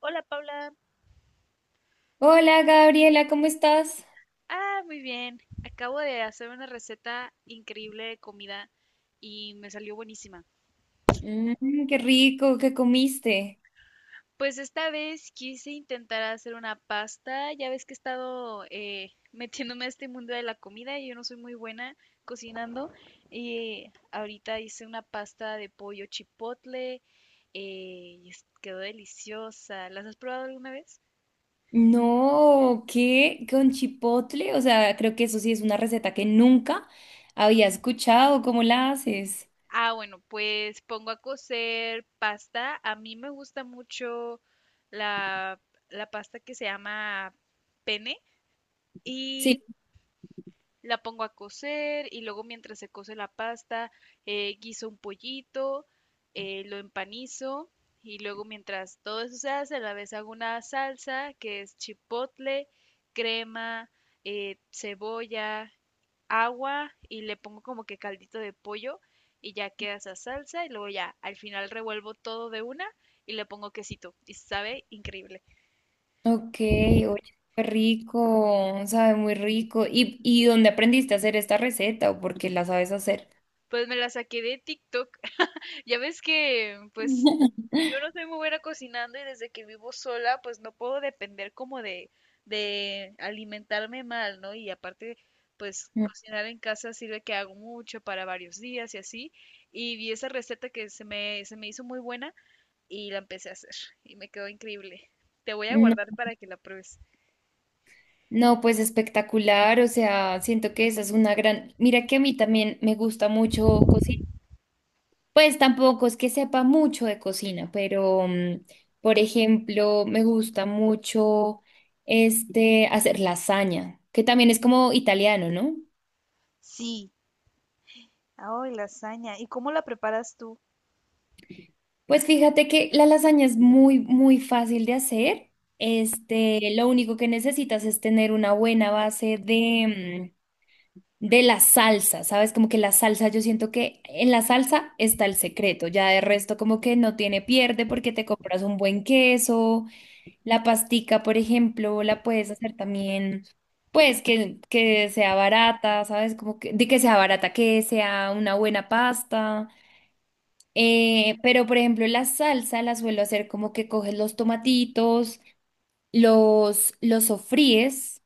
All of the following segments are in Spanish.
Hola Paula. Hola Gabriela, ¿cómo estás? Ah, muy bien. Acabo de hacer una receta increíble de comida y me salió buenísima. Mm, qué rico, ¿qué comiste? Pues esta vez quise intentar hacer una pasta. Ya ves que he estado metiéndome a este mundo de la comida y yo no soy muy buena cocinando. Y ahorita hice una pasta de pollo chipotle, quedó deliciosa. ¿Las has probado alguna vez? No, ¿qué? ¿Con chipotle? O sea, creo que eso sí es una receta que nunca había escuchado. ¿Cómo la haces? Ah, bueno, pues pongo a cocer pasta. A mí me gusta mucho la, la pasta que se llama pene, Sí. y la pongo a cocer y luego mientras se cose la pasta, guiso un pollito, lo empanizo y luego mientras todo eso se hace, a la vez hago una salsa que es chipotle, crema, cebolla, agua y le pongo como que caldito de pollo y ya queda esa salsa y luego ya al final revuelvo todo de una y le pongo quesito y sabe increíble. Ok, oye, qué rico, sabe muy rico. Y dónde aprendiste a hacer esta receta o por qué la sabes hacer? Pues me la saqué de TikTok. Ya ves que, pues, yo no soy muy buena cocinando y desde que vivo sola, pues no puedo depender como de alimentarme mal, ¿no? Y aparte, pues cocinar en casa sirve que hago mucho para varios días y así. Y vi esa receta que se me hizo muy buena y la empecé a hacer y me quedó increíble. Te voy a Mm, guardar no, para que la pruebes. no, pues espectacular, o sea, siento que esa es una gran... Mira que a mí también me gusta mucho cocinar. Pues tampoco es que sepa mucho de cocina, pero por ejemplo, me gusta mucho hacer lasaña, que también es como italiano, ¿no? Sí. Ay, lasaña. ¿Y cómo la preparas tú? Pues fíjate que la lasaña es muy, muy fácil de hacer. Este, lo único que necesitas es tener una buena base de la salsa, ¿sabes? Como que la salsa, yo siento que en la salsa está el secreto, ya de resto como que no tiene pierde porque te compras un buen queso. La pastica, por ejemplo, la puedes hacer también, pues que sea barata, ¿sabes? Como que, de que sea barata, que sea una buena pasta. Pero, por ejemplo, la salsa la suelo hacer como que coges los tomatitos, los sofríes,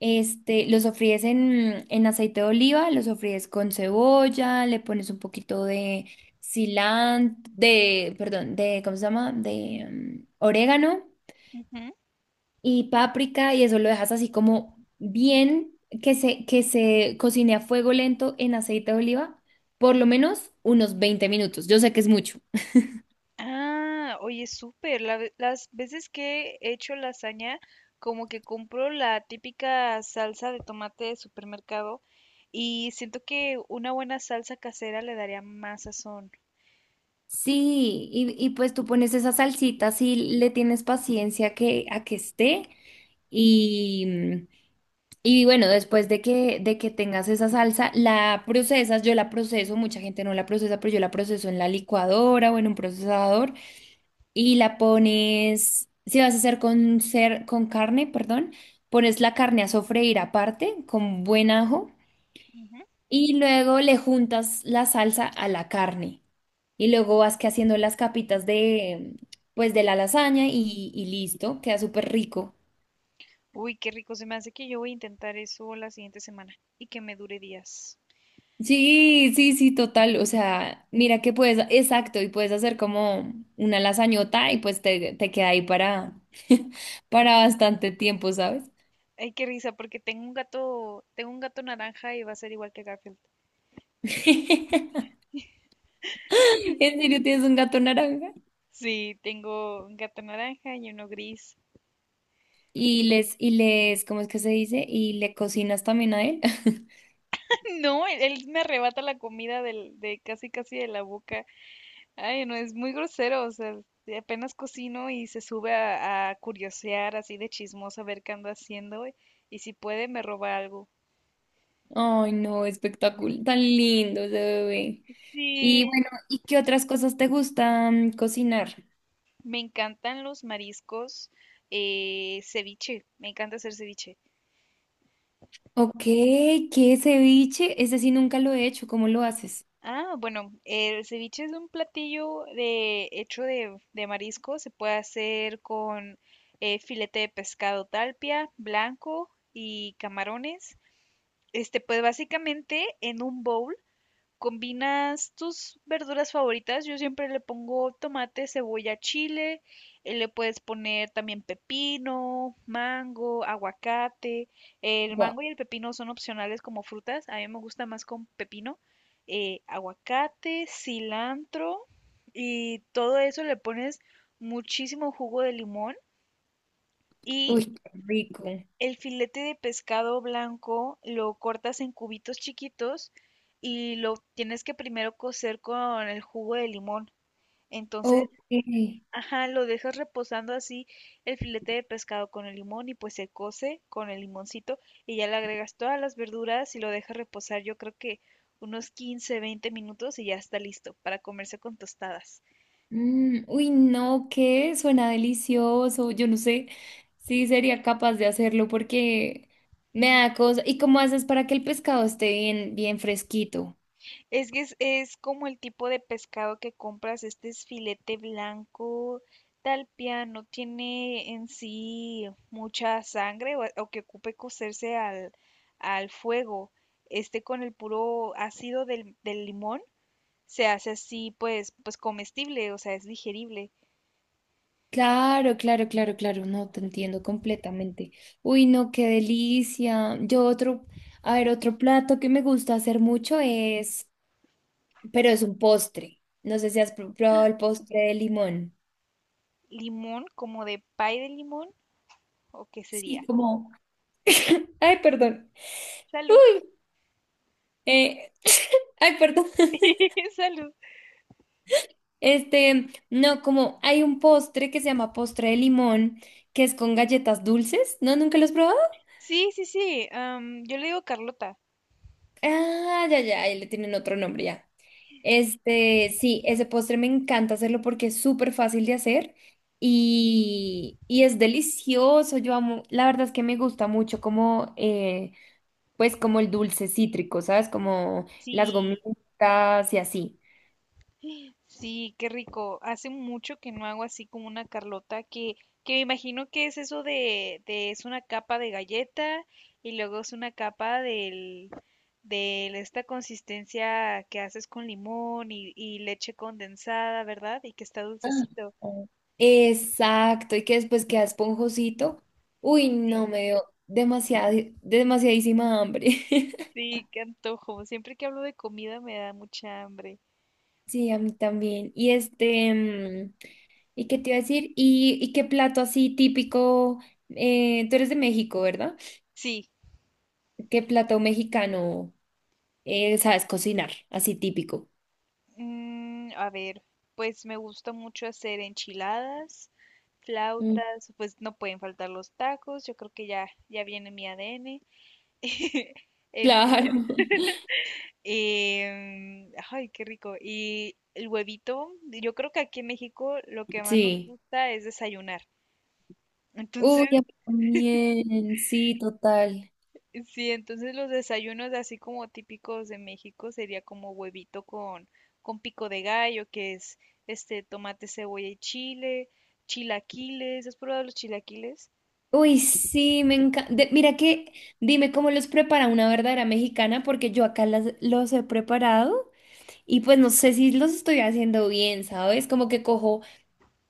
este, los sofríes en aceite de oliva, los sofríes con cebolla, le pones un poquito de cilantro, de, perdón, de, ¿cómo se llama? De orégano. Ujú. Y páprica y eso lo dejas así como bien que se cocine a fuego lento en aceite de oliva, por lo menos unos 20 minutos. Yo sé que es mucho. Ah, oye, súper. Las veces que he hecho lasaña, como que compro la típica salsa de tomate de supermercado y siento que una buena salsa casera le daría más sazón. Sí, y pues tú pones esa salsita si le tienes paciencia que, a que esté y, mm, y bueno, después de que tengas esa salsa, la procesas, yo la proceso, mucha gente no la procesa, pero yo la proceso en la licuadora o en un procesador y la pones, si vas a hacer con, cer- con carne, perdón, pones la carne a sofreír aparte con buen ajo Ujú. y luego le juntas la salsa a la carne. Y luego vas que haciendo las capitas de, pues de la lasaña y listo, queda súper rico. Uy, qué rico. Se me hace que yo voy a intentar eso la siguiente semana y que me dure días. Sí, sí, sí, total. O sea, mira que puedes, exacto, y puedes hacer como una lasañota y pues te queda ahí para, para bastante tiempo, ¿sabes? Ay, qué risa, porque tengo un gato naranja y va a ser igual que Garfield. ¿En serio tienes un gato naranja? Sí, tengo un gato naranja y uno gris. ¿Cómo es que se dice? Y le cocinas también a él. No, él me arrebata la comida de casi casi de la boca. Ay, no, es muy grosero, o sea, de apenas cocino y se sube a curiosear así de chismosa a ver qué ando haciendo y si puede me roba algo. Ay, no, espectacular, tan lindo ese bebé. Y Sí. bueno, ¿y qué otras cosas te gustan cocinar? Me encantan los mariscos, ceviche, me encanta hacer ceviche. Ok, qué ceviche, ese sí nunca lo he hecho, ¿cómo lo haces? Ah, bueno, el ceviche es un platillo hecho de marisco, se puede hacer con filete de pescado talpia, blanco y camarones. Este, pues básicamente en un bowl combinas tus verduras favoritas, yo siempre le pongo tomate, cebolla, chile, le puedes poner también pepino, mango, aguacate. El Guau. mango y el pepino son opcionales como frutas, a mí me gusta más con pepino, aguacate, cilantro y todo eso le pones muchísimo jugo de limón, y Uy, qué rico. el filete de pescado blanco lo cortas en cubitos chiquitos y lo tienes que primero cocer con el jugo de limón. Entonces, Ok. ajá, lo dejas reposando así el filete de pescado con el limón y pues se cose con el limoncito y ya le agregas todas las verduras y lo dejas reposar yo creo que unos 15, 20 minutos y ya está listo para comerse con tostadas. Mm, uy, no, ¿qué? Suena delicioso. Yo no sé si sería capaz de hacerlo porque me da cosa. ¿Y cómo haces para que el pescado esté bien, bien fresquito? Es que es como el tipo de pescado que compras, este es filete blanco, tal piano, tiene en sí mucha sangre o que ocupe cocerse al fuego. Este con el puro ácido del limón se hace así pues, pues comestible, o sea, es digerible. Claro, claro, claro, claro. No, te entiendo completamente. Uy, no, qué delicia. Yo otro, a ver, otro plato que me gusta hacer mucho es, pero es un postre. No sé si has pr- probado el postre de limón. Limón, como de pay de limón, ¿o qué Sí, sería? como, ay, perdón. Salud. Uy, eh, ay, perdón. Salud. Este, no, como hay un postre que se llama postre de limón, que es con galletas dulces. ¿No? ¿Nunca lo has probado? Sí, sí, sí, yo le digo Carlota. Ah, ya, ya, ahí le tienen otro nombre ya. Este, sí, ese postre me encanta hacerlo porque es súper fácil de hacer y es delicioso. Yo amo, la verdad es que me gusta mucho como, pues como el dulce cítrico, ¿sabes? Como las Sí. gomitas y así. Sí, qué rico. Hace mucho que no hago así como una Carlota, que me imagino que es eso es una capa de galleta y luego es una capa de esta consistencia que haces con limón y leche condensada, ¿verdad? Y que está Ah, dulcecito. oh. Exacto, y que después queda esponjosito. Uy, no, Sí, me dio demasiada, demasiadísima hambre. sí, qué antojo. Siempre que hablo de comida me da mucha hambre. Sí, a mí también. Y este, ¿y qué te iba a decir? Y qué plato así típico? Tú eres de México, ¿verdad? Sí. ¿Qué plato mexicano sabes cocinar? Así típico. Mm, a ver, pues me gusta mucho hacer enchiladas, Mm. flautas, pues no pueden faltar los tacos, yo creo que ya, ya viene mi ADN. Entonces, Claro. Ay, qué rico. Y el huevito, yo creo que aquí en México lo que más nos Sí. gusta es desayunar. Uy, Entonces, a mí también, sí, total. sí, entonces los desayunos así como típicos de México sería como huevito con pico de gallo, que es este tomate, cebolla y chile, chilaquiles, ¿has probado los chilaquiles? Uy, sí, me encanta. Mira que, dime cómo los prepara una verdadera mexicana, porque yo acá los he preparado y pues no sé si los estoy haciendo bien, ¿sabes? Como que cojo,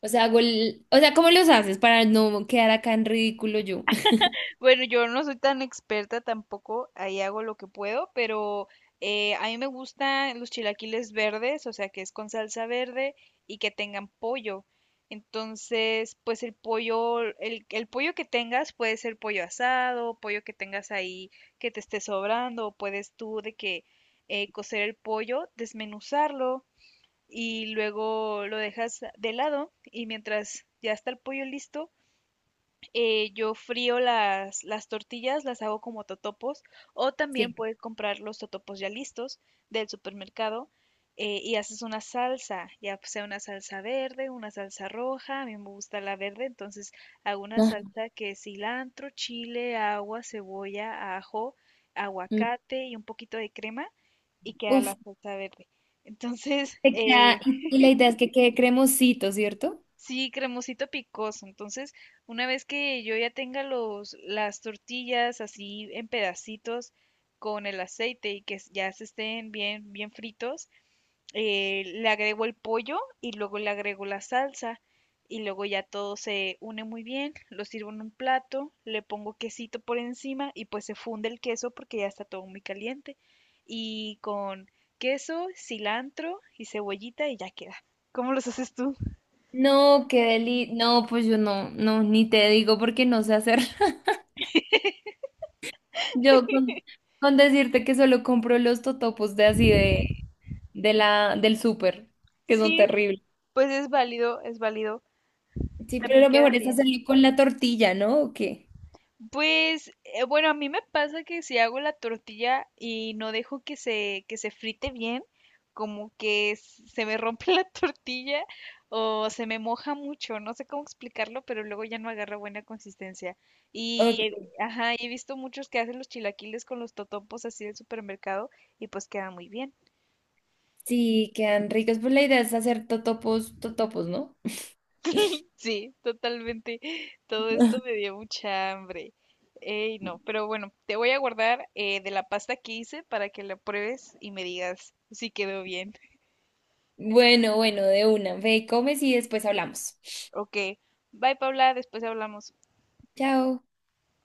o sea, hago el, o sea, ¿cómo los haces para no quedar acá en ridículo yo? Bueno, yo no soy tan experta tampoco, ahí hago lo que puedo, pero a mí me gustan los chilaquiles verdes, o sea, que es con salsa verde y que tengan pollo. Entonces, pues el pollo, el pollo que tengas puede ser pollo asado, pollo que tengas ahí que te esté sobrando, o puedes tú de que cocer el pollo, desmenuzarlo y luego lo dejas de lado y mientras ya está el pollo listo, yo frío las tortillas, las hago como totopos, o también Sí. puedes comprar los totopos ya listos del supermercado, y haces una salsa, ya sea una salsa verde, una salsa roja, a mí me gusta la verde, entonces hago una Ajá. salsa que es cilantro, chile, agua, cebolla, ajo, aguacate y un poquito de crema y queda Uf, la salsa verde. Entonces, te queda- y la idea es que quede cremosito, ¿cierto? sí, cremosito picoso. Entonces, una vez que yo ya tenga las tortillas así en pedacitos con el aceite y que ya se estén bien, bien fritos, le agrego el pollo y luego le agrego la salsa y luego ya todo se une muy bien. Lo sirvo en un plato, le pongo quesito por encima y pues se funde el queso porque ya está todo muy caliente. Y con queso, cilantro y cebollita y ya queda. ¿Cómo los haces tú? No, qué deli, no, pues yo no, no, ni te digo porque no sé hacer. Yo con decirte que solo compro los totopos de así de la, del súper, que son Sí. terribles. Pues es válido, es válido. Sí, pero También lo mejor quedan es bien. hacerlo con la tortilla, ¿no? ¿O qué? Pues bueno, a mí me pasa que si hago la tortilla y no dejo que se frite bien, como que se me rompe la tortilla o se me moja mucho, no sé cómo explicarlo, pero luego ya no agarra buena consistencia. Y Ok. Ajá, he visto muchos que hacen los chilaquiles con los totopos así del supermercado y pues queda muy bien. Sí, quedan ricos. Pues la idea es hacer totopos, totopos, ¿no? Sí, totalmente. Todo esto me dio mucha hambre. Ey, no, pero bueno, te voy a guardar de la pasta que hice para que la pruebes y me digas si quedó bien. Bueno, bueno, de una. Ve, comes y después hablamos. Ok, bye Paula, después hablamos. Chao.